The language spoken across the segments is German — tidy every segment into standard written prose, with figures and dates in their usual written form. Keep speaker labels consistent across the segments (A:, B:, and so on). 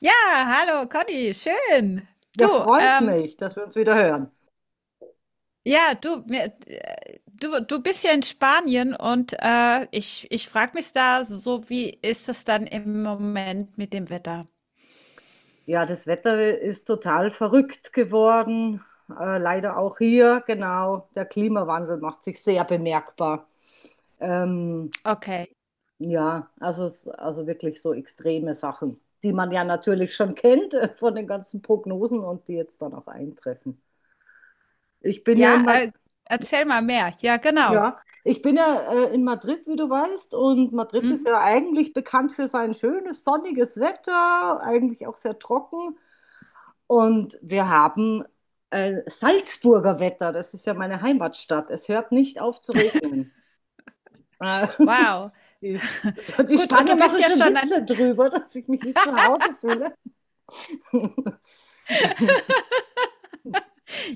A: Ja, hallo Conny, schön.
B: Ja,
A: Du,
B: freut mich, dass wir uns wieder hören.
A: ja, du, mir, du, du bist ja in Spanien und ich frage mich da so, wie ist es dann im Moment mit dem Wetter?
B: Ja, das Wetter ist total verrückt geworden. Leider auch hier, genau. Der Klimawandel macht sich sehr bemerkbar. Ähm,
A: Okay.
B: ja, also, also wirklich so extreme Sachen, die man ja natürlich schon kennt von den ganzen Prognosen und die jetzt dann auch eintreffen. Ich bin ja
A: Ja,
B: in Madrid,
A: erzähl mal mehr. Ja, genau.
B: ja, ich bin ja in Madrid, wie du weißt, und Madrid ist
A: Mhm.
B: ja eigentlich bekannt für sein schönes, sonniges Wetter, eigentlich auch sehr trocken. Und wir haben Salzburger Wetter, das ist ja meine Heimatstadt. Es hört nicht auf zu regnen. Äh,
A: Wow.
B: die, die
A: Gut, und
B: Spanier
A: du bist
B: machen
A: ja
B: schon
A: schon an.
B: Witze drüber, dass ich mich wie zu Hause fühle.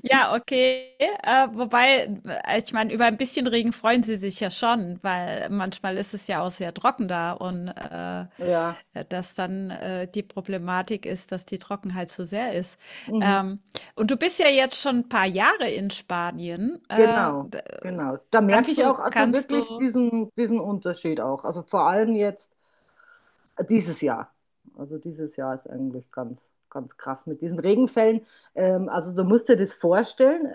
A: Ja, okay. Wobei, ich meine, über ein bisschen Regen freuen sie sich ja schon, weil manchmal ist es ja auch sehr trocken da, und
B: Ja,
A: dass dann die Problematik ist, dass die Trockenheit so sehr ist.
B: mhm.
A: Ähm, und du bist ja jetzt schon ein paar Jahre in Spanien.
B: Genau, genau. Da merke
A: Kannst
B: ich auch
A: du,
B: also
A: kannst
B: wirklich
A: du,
B: diesen Unterschied auch. Also vor allem jetzt dieses Jahr. Also dieses Jahr ist eigentlich ganz, ganz krass mit diesen Regenfällen. Also du musst dir das vorstellen,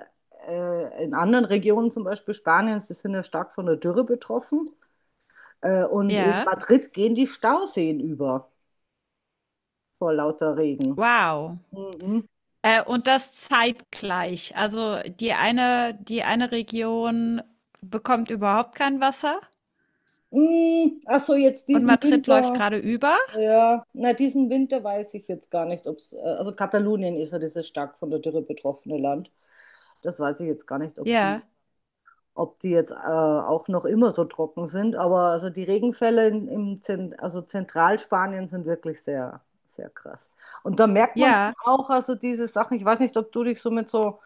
B: in anderen Regionen, zum Beispiel Spaniens, die sind ja stark von der Dürre betroffen. Und in
A: ja,
B: Madrid gehen die Stauseen über vor lauter Regen.
A: wow.
B: Mhm.
A: Und das zeitgleich. Also die eine Region bekommt überhaupt kein Wasser
B: Mm, ach so, jetzt
A: und
B: diesen
A: Madrid läuft
B: Winter.
A: gerade über.
B: Ja, na, diesen Winter weiß ich jetzt gar nicht, ob es, also Katalonien ist ja dieses stark von der Dürre betroffene Land. Das weiß ich jetzt gar nicht, ob die
A: Ja,
B: ob die jetzt auch noch immer so trocken sind. Aber also die Regenfälle in, im Zent also Zentralspanien sind wirklich sehr, sehr krass. Und da merkt man dann
A: ja,
B: auch also diese Sachen. Ich weiß nicht, ob du dich so mit so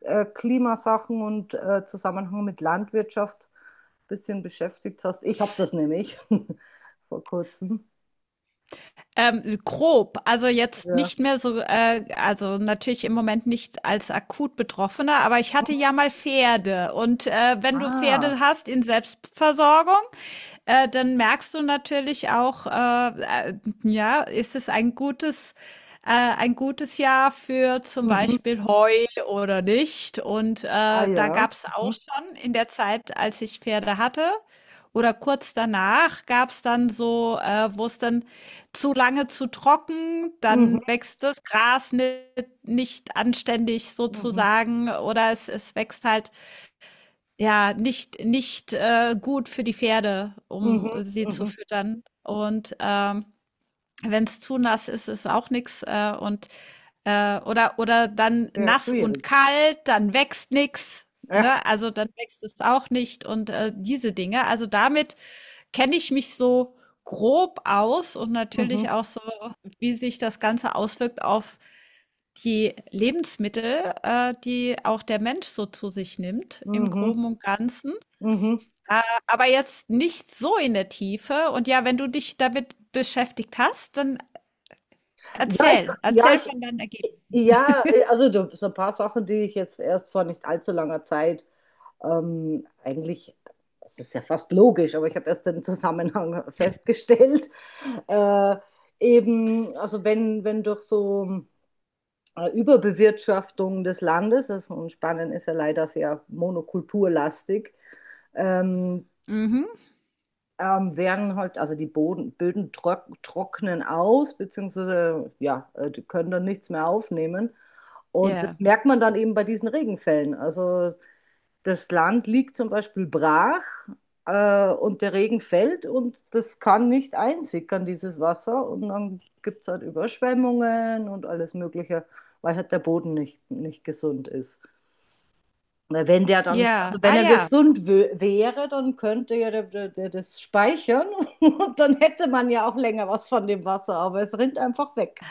B: Klimasachen und Zusammenhang mit Landwirtschaft ein bisschen beschäftigt hast. Ich habe das nämlich vor kurzem.
A: grob. Also, jetzt
B: Ja.
A: nicht mehr so, also, natürlich im Moment nicht als akut Betroffener, aber ich hatte ja
B: Mhm.
A: mal Pferde, und wenn du
B: Ah,
A: Pferde hast in Selbstversorgung, dann merkst du natürlich auch, äh, ja, ist es ein ein gutes Jahr für zum
B: mhm.
A: Beispiel Heu oder nicht. Und
B: Ah
A: da
B: ja.
A: gab es
B: Mhm.
A: auch schon in der Zeit, als ich Pferde hatte. Oder kurz danach gab es dann so, wo es dann zu lange zu trocken,
B: Mhm.
A: dann wächst das Gras nicht, nicht anständig
B: Mhm.
A: sozusagen, oder es wächst halt ja, nicht gut für die Pferde, um
B: Mhm.
A: sie
B: Mhm.
A: zu
B: Mhm.
A: füttern. Und, wenn es zu nass ist, ist auch nichts, oder dann
B: Sehr
A: nass und
B: schwierig.
A: kalt, dann wächst nichts,
B: Ja.
A: ne? Also, dann wächst es auch nicht, und, diese Dinge. Also, damit kenne ich mich so grob aus, und
B: Mhm.
A: natürlich auch so, wie sich das Ganze auswirkt auf die Lebensmittel, die auch der Mensch so zu sich nimmt im
B: Mhm.
A: Groben und Ganzen.
B: Mhm.
A: Äh, aber jetzt nicht so in der Tiefe. Und ja, wenn du dich damit beschäftigt hast, dann
B: Ja, ich,
A: erzähl,
B: ja,
A: erzähl
B: ich,
A: von deinen Ergebnissen.
B: also so ein paar Sachen, die ich jetzt erst vor nicht allzu langer Zeit eigentlich, es ist ja fast logisch, aber ich habe erst den Zusammenhang festgestellt. Äh, eben, also wenn durch so Überbewirtschaftung des Landes, also und Spanien ist ja leider sehr monokulturlastig, ähm,
A: Mhm.
B: werden halt, also die Böden trocknen aus, beziehungsweise ja, die können dann nichts mehr aufnehmen. Und
A: Ja.
B: das merkt man dann eben bei diesen Regenfällen. Also das Land liegt zum Beispiel brach und der Regen fällt und das kann nicht einsickern, dieses Wasser. Und dann gibt es halt Überschwemmungen und alles Mögliche, weil halt der Boden nicht gesund ist. Weil wenn der dann, also
A: Ja, ah
B: wenn er
A: ja,
B: gesund wäre, dann könnte ja der das speichern und dann hätte man ja auch länger was von dem Wasser, aber es rinnt einfach weg.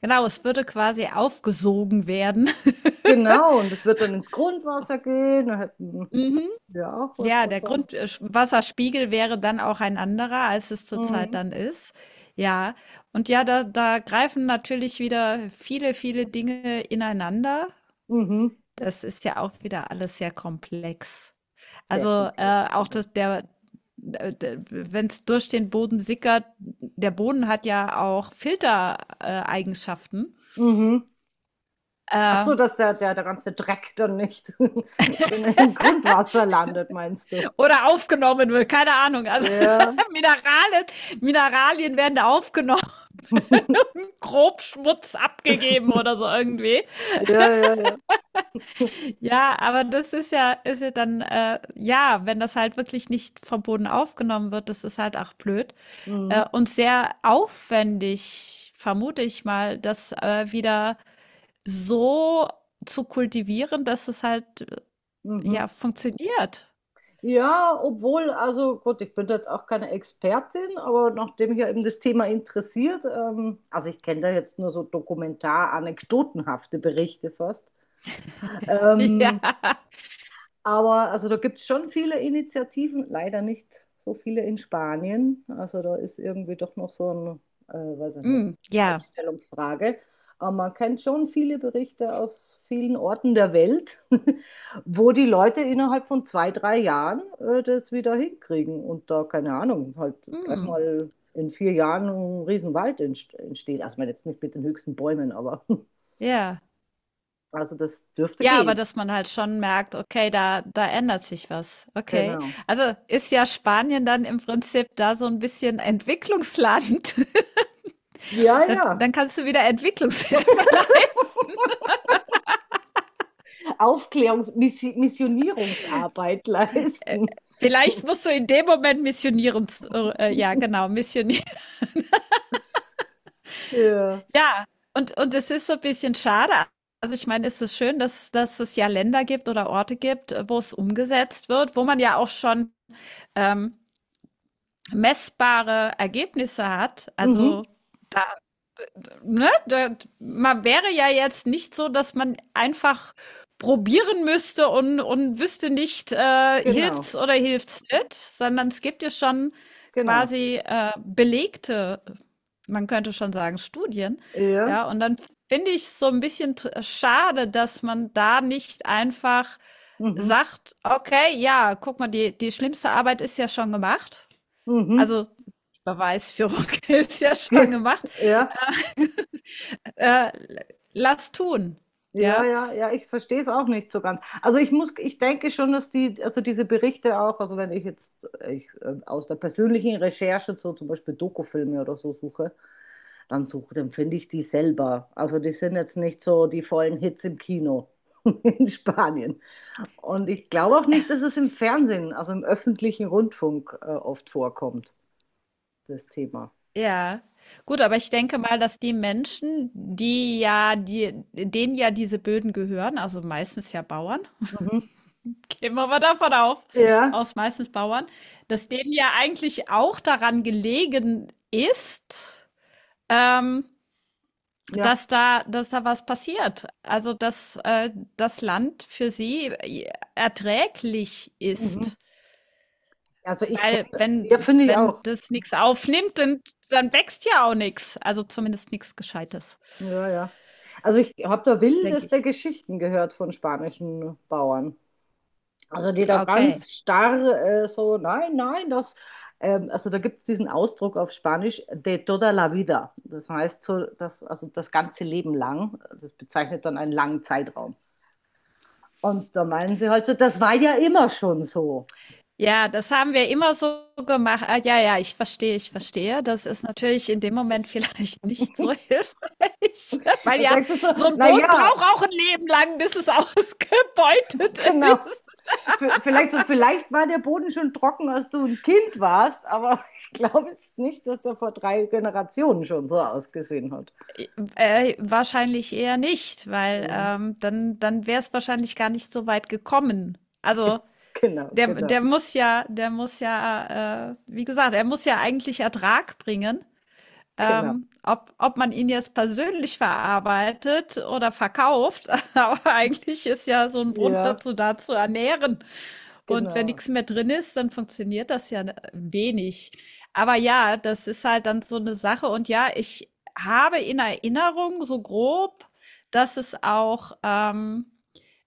A: genau, es würde quasi aufgesogen werden.
B: Genau, und es wird dann ins Grundwasser gehen, dann hätten
A: Mhm.
B: wir auch was
A: Ja, der
B: davon.
A: Grundwasserspiegel wäre dann auch ein anderer, als es zurzeit
B: Mhm.
A: dann ist. Ja, und ja, da, da greifen natürlich wieder viele Dinge ineinander.
B: Mhm.
A: Das ist ja auch wieder alles sehr komplex.
B: Sehr
A: Also
B: komplex,
A: auch
B: genau.
A: das, der, wenn es durch den Boden sickert, der Boden hat ja auch Filtereigenschaften.
B: Mhm. Ach
A: Äh,
B: so, dass der ganze Dreck dann nicht genau im Grundwasser landet, meinst du?
A: oder aufgenommen wird, keine Ahnung. Also
B: Ja.
A: Mineralien, Mineralien werden aufgenommen, grob Schmutz abgegeben oder so irgendwie.
B: Ja, ja, ja.
A: Ja, aber das ist ja dann, ja, wenn das halt wirklich nicht vom Boden aufgenommen wird, das ist halt auch blöd.
B: Mhm.
A: Und sehr aufwendig, vermute ich mal, das wieder so zu kultivieren, dass es halt
B: Mhm.
A: ja funktioniert.
B: Ja, obwohl, also gut, ich bin da jetzt auch keine Expertin, aber nachdem mich ja eben das Thema interessiert, also ich kenne da jetzt nur so dokumentar-anekdotenhafte Berichte fast,
A: Ja.
B: ähm, aber also da gibt es schon viele Initiativen, leider nicht so viele in Spanien. Also da ist irgendwie doch noch so ein, weiß ich nicht,
A: Mm, ja.
B: Einstellungsfrage. Aber man kennt schon viele Berichte aus vielen Orten der Welt, wo die Leute innerhalb von 2, 3 Jahren das wieder hinkriegen und da, keine Ahnung, halt gleich
A: Mm,
B: mal in 4 Jahren ein Riesenwald entsteht. Also ich meine jetzt nicht mit den höchsten Bäumen, aber
A: ja.
B: also das dürfte
A: Ja, aber
B: gehen.
A: dass man halt schon merkt, okay, da ändert sich was. Okay.
B: Genau.
A: Also ist ja Spanien dann im Prinzip da so ein bisschen Entwicklungsland.
B: Ja,
A: Dann
B: ja.
A: dann kannst du wieder Entwicklungshilfe leisten.
B: Aufklärungs-Missionierungsarbeit leisten.
A: Vielleicht musst du in dem Moment missionieren. Ja genau, missionieren.
B: Ja.
A: Ja, und es ist so 'n bisschen schade. Also, ich meine, es ist schön, dass dass es ja Länder gibt oder Orte gibt, wo es umgesetzt wird, wo man ja auch schon, ähm, messbare Ergebnisse hat.
B: Mhm.
A: Also, ne, da, man wäre ja jetzt nicht so, dass man einfach probieren müsste und wüsste nicht,
B: Genau,
A: hilft's oder hilft's nicht, sondern es gibt ja schon
B: genau.
A: quasi belegte, man könnte schon sagen, Studien.
B: Ja.
A: Ja, und dann finde ich es so ein bisschen schade, dass man da nicht einfach
B: Mhm.
A: sagt, okay, ja, guck mal, die, die schlimmste Arbeit ist ja schon gemacht.
B: Mhm.
A: Also Beweisführung ist ja schon
B: Ge-
A: gemacht.
B: Ja.
A: Äh, Lass tun.
B: Ja,
A: Ja,
B: ja, ja, ich verstehe es auch nicht so ganz. Also ich muss, ich denke schon, dass die, also diese Berichte auch, also wenn ich jetzt aus der persönlichen Recherche so zum Beispiel Dokufilme oder so suche, dann finde ich die selber. Also die sind jetzt nicht so die vollen Hits im Kino in Spanien. Und ich glaube auch nicht, dass es im Fernsehen, also im öffentlichen Rundfunk, oft vorkommt, das Thema.
A: ja. Gut, aber ich denke mal, dass die Menschen, die ja, die, denen ja diese Böden gehören, also meistens ja Bauern,
B: Mhm.
A: gehen wir mal davon auf,
B: Ja,
A: aus meistens Bauern, dass denen ja eigentlich auch daran gelegen ist, ähm,
B: ja.
A: dass da was passiert. Also, dass das Land für sie erträglich
B: Mhm.
A: ist.
B: Also ich
A: Weil
B: kenne, ja,
A: wenn
B: finde ich
A: wenn
B: auch.
A: das nichts aufnimmt, dann dann wächst ja auch nichts. Also, zumindest nichts Gescheites,
B: Ja, ja. Also ich habe da
A: denke
B: wildeste
A: ich.
B: Geschichten gehört von spanischen Bauern. Also die da
A: Okay.
B: ganz starr so, nein, nein, das, also da gibt es diesen Ausdruck auf Spanisch, de toda la vida. Das heißt so, das, also das ganze Leben lang. Das bezeichnet dann einen langen Zeitraum. Und da meinen sie halt so, das war ja immer schon so.
A: Ja, das haben wir immer so gemacht. Ah, ja, ja, ich verstehe, ich verstehe. Das ist natürlich in dem Moment vielleicht nicht so hilfreich, weil
B: Da
A: ja,
B: denkst du so,
A: so ein Boden braucht
B: naja,
A: auch ein Leben lang, bis es ausgebeutet
B: genau.
A: ist.
B: Vielleicht war der Boden schon trocken, als du ein Kind warst, aber ich glaube jetzt nicht, dass er vor 3 Generationen schon so ausgesehen hat.
A: Wahrscheinlich eher nicht, weil,
B: Mhm.
A: dann wäre es wahrscheinlich gar nicht so weit gekommen. Also
B: Ge- Genau,
A: Der,
B: genau,
A: der muss ja, der muss ja, wie gesagt, er muss ja eigentlich Ertrag bringen.
B: genau.
A: Ob man ihn jetzt persönlich verarbeitet oder verkauft, aber eigentlich ist ja so ein Boden
B: Ja,
A: dazu da zu ernähren. Und wenn
B: genau.
A: nichts mehr drin ist, dann funktioniert das ja, ne, wenig. Aber ja, das ist halt dann so eine Sache. Und ja, ich habe in Erinnerung so grob, dass es auch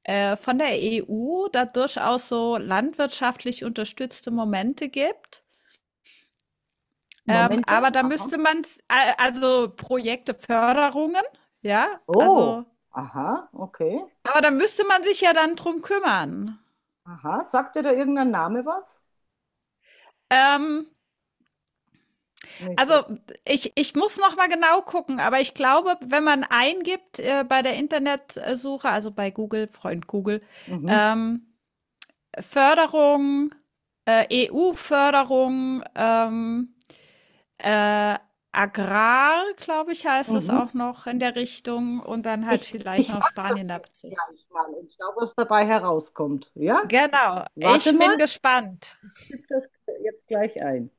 A: von der EU da durchaus so landwirtschaftlich unterstützte Momente gibt.
B: Momente?
A: Aber da
B: Aha.
A: müsste man, also Projekte, Förderungen, ja,
B: Oh,
A: also,
B: aha, okay.
A: aber da müsste man sich ja dann drum kümmern.
B: Aha. Sagt dir da irgendein Name was?
A: Ähm,
B: Nicht
A: also
B: wirklich.
A: ich muss noch mal genau gucken, aber ich glaube, wenn man eingibt bei der Internetsuche, also bei Google, Freund Google,
B: Mhm,
A: ähm, Förderung, EU-Förderung, Äh, Agrar, glaube ich, heißt es
B: mhm.
A: auch noch in der Richtung, und dann halt
B: Ich,
A: vielleicht
B: ich
A: noch
B: mache
A: Spanien
B: das jetzt
A: dazu.
B: gleich mal und schau, was dabei herauskommt. Ja?
A: Genau,
B: Warte
A: ich
B: mal,
A: bin gespannt.
B: ich tippe das jetzt gleich ein.